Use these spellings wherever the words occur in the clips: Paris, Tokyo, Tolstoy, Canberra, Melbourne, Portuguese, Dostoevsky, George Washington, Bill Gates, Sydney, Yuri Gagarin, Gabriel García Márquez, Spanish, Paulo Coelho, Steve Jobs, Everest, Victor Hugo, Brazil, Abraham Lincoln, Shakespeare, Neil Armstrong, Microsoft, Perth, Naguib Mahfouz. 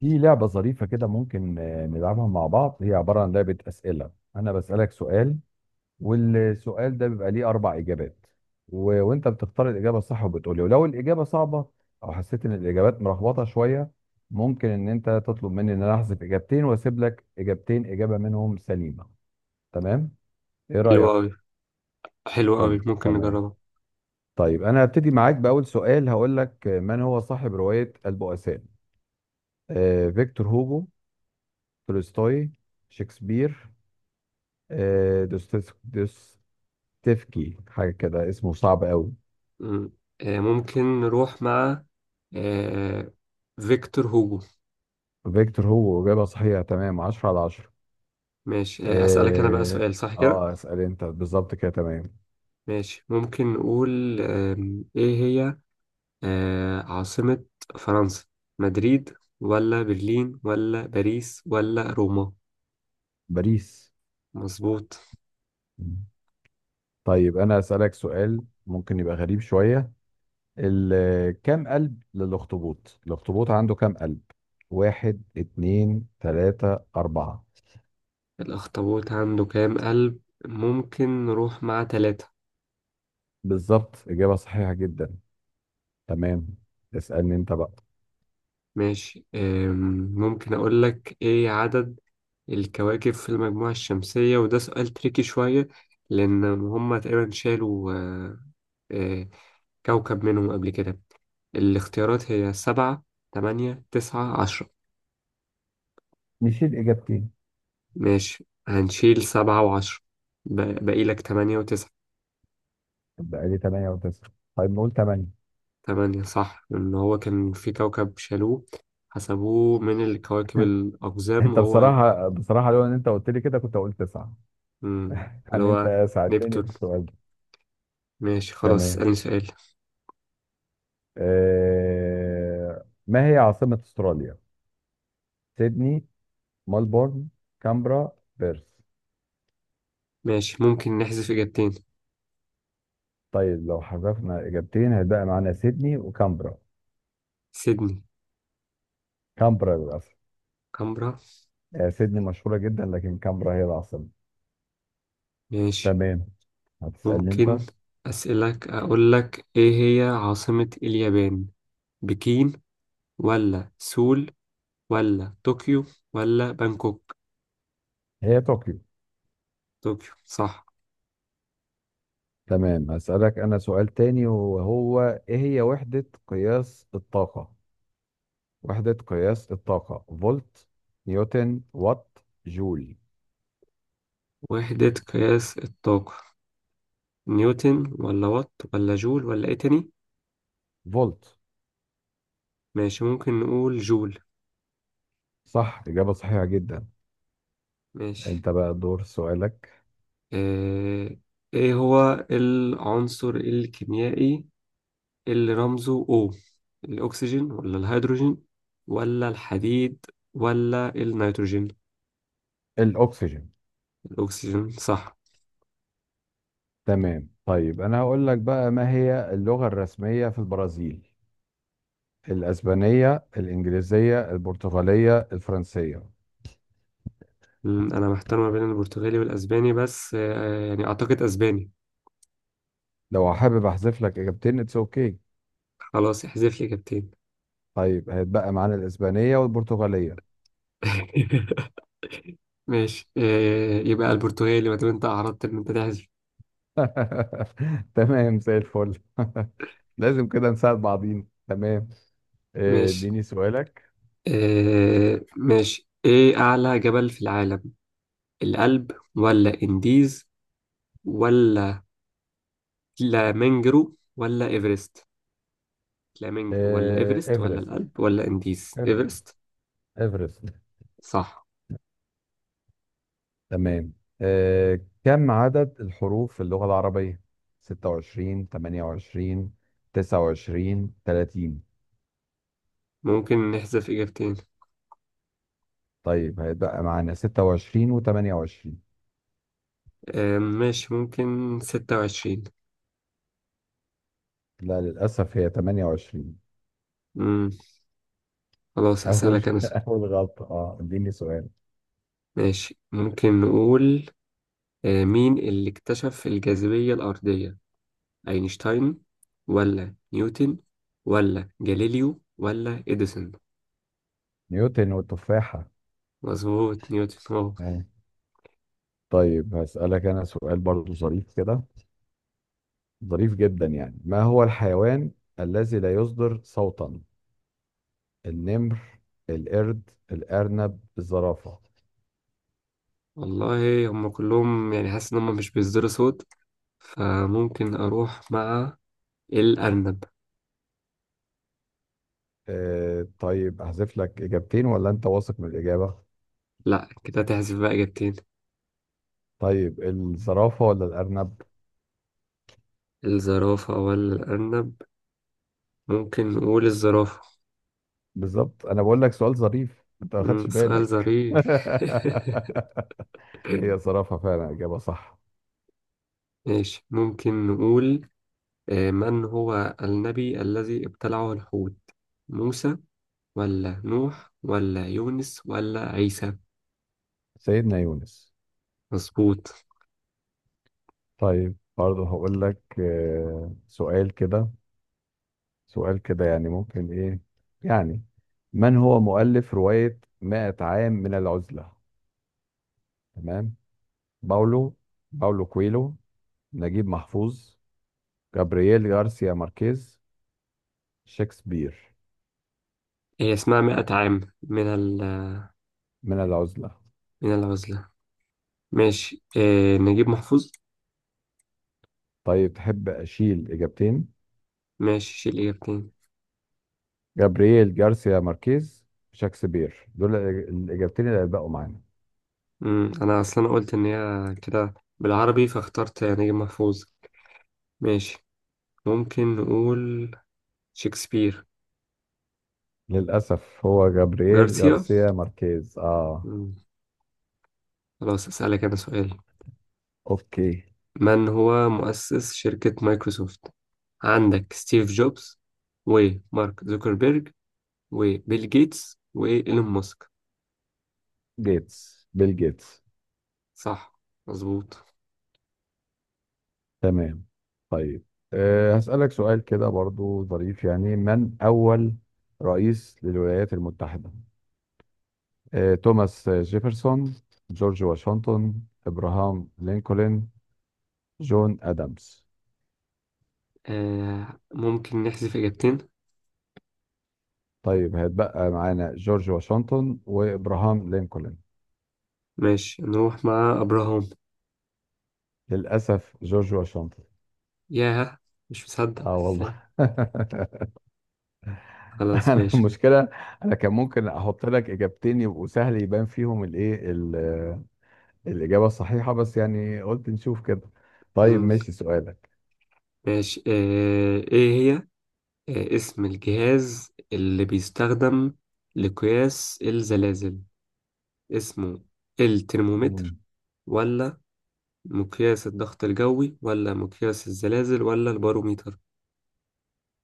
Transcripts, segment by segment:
في لعبة ظريفة كده ممكن نلعبها مع بعض. هي عبارة عن لعبة أسئلة. أنا بسألك سؤال، والسؤال ده بيبقى ليه أربع إجابات. و... وأنت بتختار الإجابة الصح وبتقولي. ولو الإجابة صعبة أو حسيت إن الإجابات مرخبطة شوية، ممكن إن أنت تطلب مني إن أنا أحذف إجابتين وأسيب لك إجابتين، إجابة منهم سليمة. تمام؟ إيه حلو رأيك؟ أوي، حلو أوي، حلو، ممكن تمام. نجربها. طيب أنا هبتدي معاك بأول سؤال، هقول لك من هو صاحب رواية البؤساء؟ فيكتور هوجو، تولستوي، شكسبير، آه، دوستيف- دوستيفكي، حاجة كده اسمه صعب قوي. مم. ممكن نروح مع آه، فيكتور هوجو. فيكتور هو إجابة صحيحة، تمام، عشرة على عشرة. ماشي. أسألك أنا بقى اه، سؤال صح كده؟ اسأل انت بالظبط كده، تمام. ماشي، ممكن نقول إيه هي عاصمة فرنسا؟ مدريد ولا برلين ولا باريس ولا روما؟ باريس. مظبوط. مم. طيب انا اسألك سؤال ممكن يبقى غريب شوية. كم قلب للأخطبوط؟ الأخطبوط عنده كم قلب؟ واحد، اتنين، تلاتة، أربعة؟ الأخطبوط عنده كام قلب؟ ممكن نروح مع 3. بالظبط، إجابة صحيحة جدا. تمام، اسألني انت بقى. ماشي. ممكن أقول لك إيه عدد الكواكب في المجموعة الشمسية، وده سؤال تريكي شوية، لأن هما تقريبا شالوا آه، كوكب منهم قبل كده. الاختيارات هي 7، 8، 9، 10 نشيل إجابتين. ماشي، هنشيل 7 و10، باقي لك 8 و9. بقى لي تمانية وتسعة، طيب نقول تمانية. 8 صح. إن هو كان في كوكب شالوه، حسبوه من الكواكب الأقزام، انت وهو بصراحه، بصراحه لو ان انت قلت لي كده كنت هقول تسعه. مم، اللي يعني هو انت ساعدتني نبتون. في السؤال ده. ماشي، خلاص تمام. اسألني سؤال. ما هي عاصمه استراليا؟ سيدني، ملبورن، كامبرا، بيرث؟ ماشي، ممكن نحذف إجابتين. طيب لو حذفنا اجابتين هيبقى معانا سيدني وكامبرا. سيدني. كامبرا، للاسف. كامبرا. آه، سيدني مشهوره جدا لكن كامبرا هي العاصمه. ماشي، تمام، هتسالني انت. ممكن أسألك، أقول لك إيه هي عاصمة اليابان؟ بكين ولا سول ولا طوكيو ولا بانكوك؟ هي طوكيو. طوكيو صح. تمام، هسالك انا سؤال تاني وهو: ايه هي وحده قياس الطاقه؟ وحدة قياس الطاقة: فولت، نيوتن، وات، جول؟ وحدة قياس الطاقة نيوتن ولا وات ولا جول ولا إيه تاني؟ فولت. ماشي، ممكن نقول جول. صح، إجابة صحيحة جدا. ماشي. أنت بقى دور سؤالك. آه، إيه هو العنصر الكيميائي اللي رمزه O؟ الأكسجين ولا الهيدروجين ولا الحديد ولا النيتروجين؟ الأكسجين. الأكسجين صح. تمام، طيب أنا هقول لك بقى، ما هي اللغة الرسمية في البرازيل؟ الأسبانية، الإنجليزية، البرتغالية، الفرنسية؟ أنا محتار ما بين البرتغالي والأسباني، بس يعني أعتقد أسباني. لو حابب أحذف لك إجابتين، اتس أوكي. خلاص، احذف لي إجابتين. طيب هيتبقى معانا الإسبانية والبرتغالية. ماشي. يبقى البرتغالي ما دام أنت أعرضت إن أنت تحذف. تمام، زي الفل. لازم كده نساعد بعضين، تمام. ماشي اديني سؤالك. إيه أعلى جبل في العالم؟ الألب ولا إنديز ولا فلامنجرو ولا إيفرست؟ فلامينجو ولا ايفرست ولا ايفرست. الألب ولا انديز؟ أيوة. ايفرست. ايفرست. صح. تمام. كم عدد الحروف في اللغة العربية؟ 26، 28، 29، 30؟ ممكن نحذف اجابتين. طيب هيبقى معانا 26 و28. ماشي، ممكن 26. لا، للأسف هي 28. مم. خلاص أول اسألك انا سؤال. أول غلطة. اه، اديني سؤال. ماشي، ممكن نقول مين اللي اكتشف الجاذبية الأرضية؟ اينشتاين ولا نيوتن ولا جاليليو ولا اديسون؟ نيوتن والتفاحة. مظبوط، نيوتن اه. آه. طيب هسألك أنا سؤال برضو ظريف كده، ظريف جدا يعني. ما هو الحيوان الذي لا يصدر صوتا؟ النمر، القرد، الأرنب، الزرافة؟ والله هم كلهم، يعني حاسس ان هم مش بيصدروا صوت، فممكن اروح مع الأرنب. طيب أحذف لك إجابتين ولا أنت واثق من الإجابة؟ لا، كده تحذف بقى إجابتين. طيب الزرافة ولا الأرنب؟ الزرافة ولا الأرنب. ممكن نقول الزرافة. بالظبط. أنا بقول لك سؤال ظريف أنت ما خدتش سؤال بالك. ظريف. هي زرافة فعلا، إجابة صح. ماشي، ممكن نقول من هو النبي الذي ابتلعه الحوت؟ موسى ولا نوح ولا يونس ولا عيسى؟ سيدنا يونس. مظبوط. طيب برضه هقول لك سؤال كده، سؤال كده، يعني ممكن إيه يعني. من هو مؤلف رواية 100 عام من العزلة؟ تمام؟ باولو باولو كويلو، نجيب محفوظ، جابرييل غارسيا ماركيز، شكسبير؟ هي اسمها مئة عام من من العزلة. من العزلة. ماشي. نجيب محفوظ. طيب تحب أشيل إجابتين؟ ماشي، شيل إجابتين. جابرييل غارسيا ماركيز، شكسبير، دول الإجابتين اللي هيبقوا معانا. أنا أصلا قلت إن هي كده بالعربي، فاخترت نجيب محفوظ. ماشي، ممكن نقول شكسبير. للأسف هو جابرييل جارسيا. غارسيا ماركيز. مم. خلاص أسألك أنا سؤال. أوكي. من هو مؤسس شركة مايكروسوفت؟ عندك ستيف جوبز ومارك زوكربيرج وبيل جيتس وإيلون ماسك. بيل جيتس. صح، مظبوط. تمام، طيب هسألك سؤال كده برضو ظريف يعني. من أول رئيس للولايات المتحدة؟ توماس جيفرسون، جورج واشنطن، ابراهام لينكولن، جون ادمز؟ ممكن نحذف إجابتين. طيب هيتبقى معانا جورج واشنطن وابراهام لينكولن. ماشي، نروح مع أبراهام. للاسف جورج واشنطن. ياه، مش مصدق. اه والله. خلاص، انا ماشي. المشكله، انا كان ممكن احط لك اجابتين يبقوا سهل، يبان فيهم الاجابه الصحيحه، بس يعني قلت نشوف كده. طيب مم. ماشي، سؤالك. ماشي إيه هي اسم الجهاز اللي بيستخدم لقياس الزلازل؟ اسمه الترمومتر مم. ولا مقياس الضغط الجوي ولا مقياس الزلازل ولا الباروميتر؟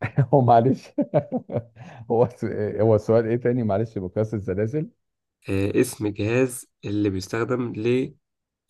هو معلش، هو س- هو السؤال ايه تاني، معلش بكاسة السلاسل. اسم الجهاز اللي بيستخدم ل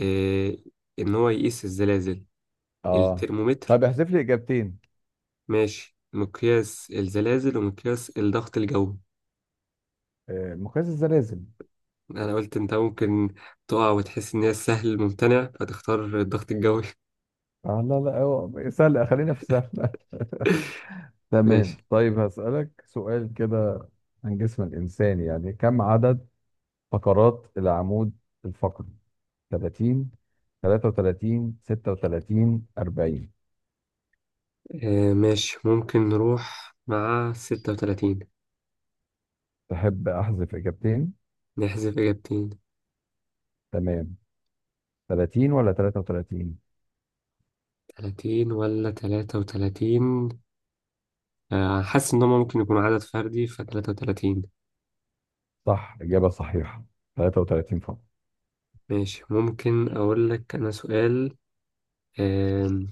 آه، إن هو يقيس الزلازل. اه. الترمومتر. طب احذف لي اجابتين. ماشي، مقياس الزلازل ومقياس الضغط الجوي. مقياس الزلازل. أنا قلت أنت ممكن تقع وتحس إن هي سهل ممتنع، فتختار الضغط الجوي. اه، لا لا، هو سهل، خلينا في سهل. تمام، ماشي طيب هسألك سؤال كده عن جسم الإنسان يعني. كم عدد فقرات العمود الفقري؟ 30، 33، 36، 40؟ ممكن نروح مع 36. تحب أحذف إجابتين؟ نحذف إجابتين. تمام، 30 ولا 33؟ 30 ولا 33. حاسس إن هما ممكن يكون عدد فردي، فتلاتة وتلاتين. صح، إجابة صحيحة، 33 فقرة. ماشي، ممكن أقول لك أنا سؤال. آه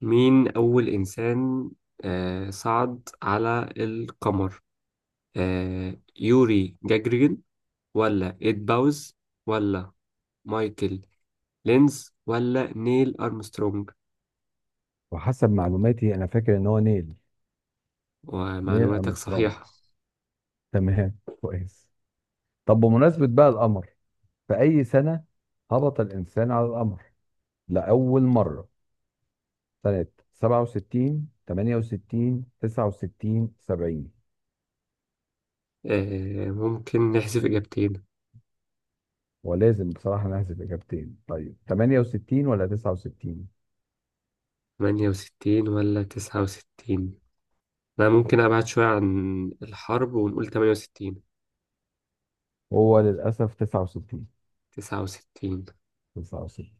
مين أول إنسان صعد على القمر؟ يوري جاجرين ولا إيد باوز ولا مايكل لينز ولا نيل أرمسترونج؟ وحسب معلوماتي أنا فاكر إن هو نيل. نيل ومعلوماتك أرمسترونج. صحيحة. تمام، كويس. طب بمناسبة بقى القمر، في أي سنة هبط الإنسان على القمر لأول مرة؟ سنة 67، 68، 69، 70؟ ممكن نحذف إجابتين. ولازم بصراحة نحذف إجابتين. طيب 68 ولا 69؟ 68 ولا 69؟ أنا ممكن أبعد شوية عن الحرب ونقول 68. هو للأسف 69. 69. 69.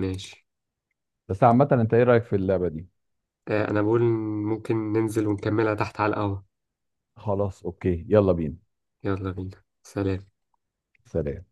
ماشي. بس عامة أنت إيه رأيك في اللعبة دي؟ أنا بقول ممكن ننزل ونكملها تحت على القهوة. خلاص، أوكي، يلا بينا. يلا بينا، سلام. سلام.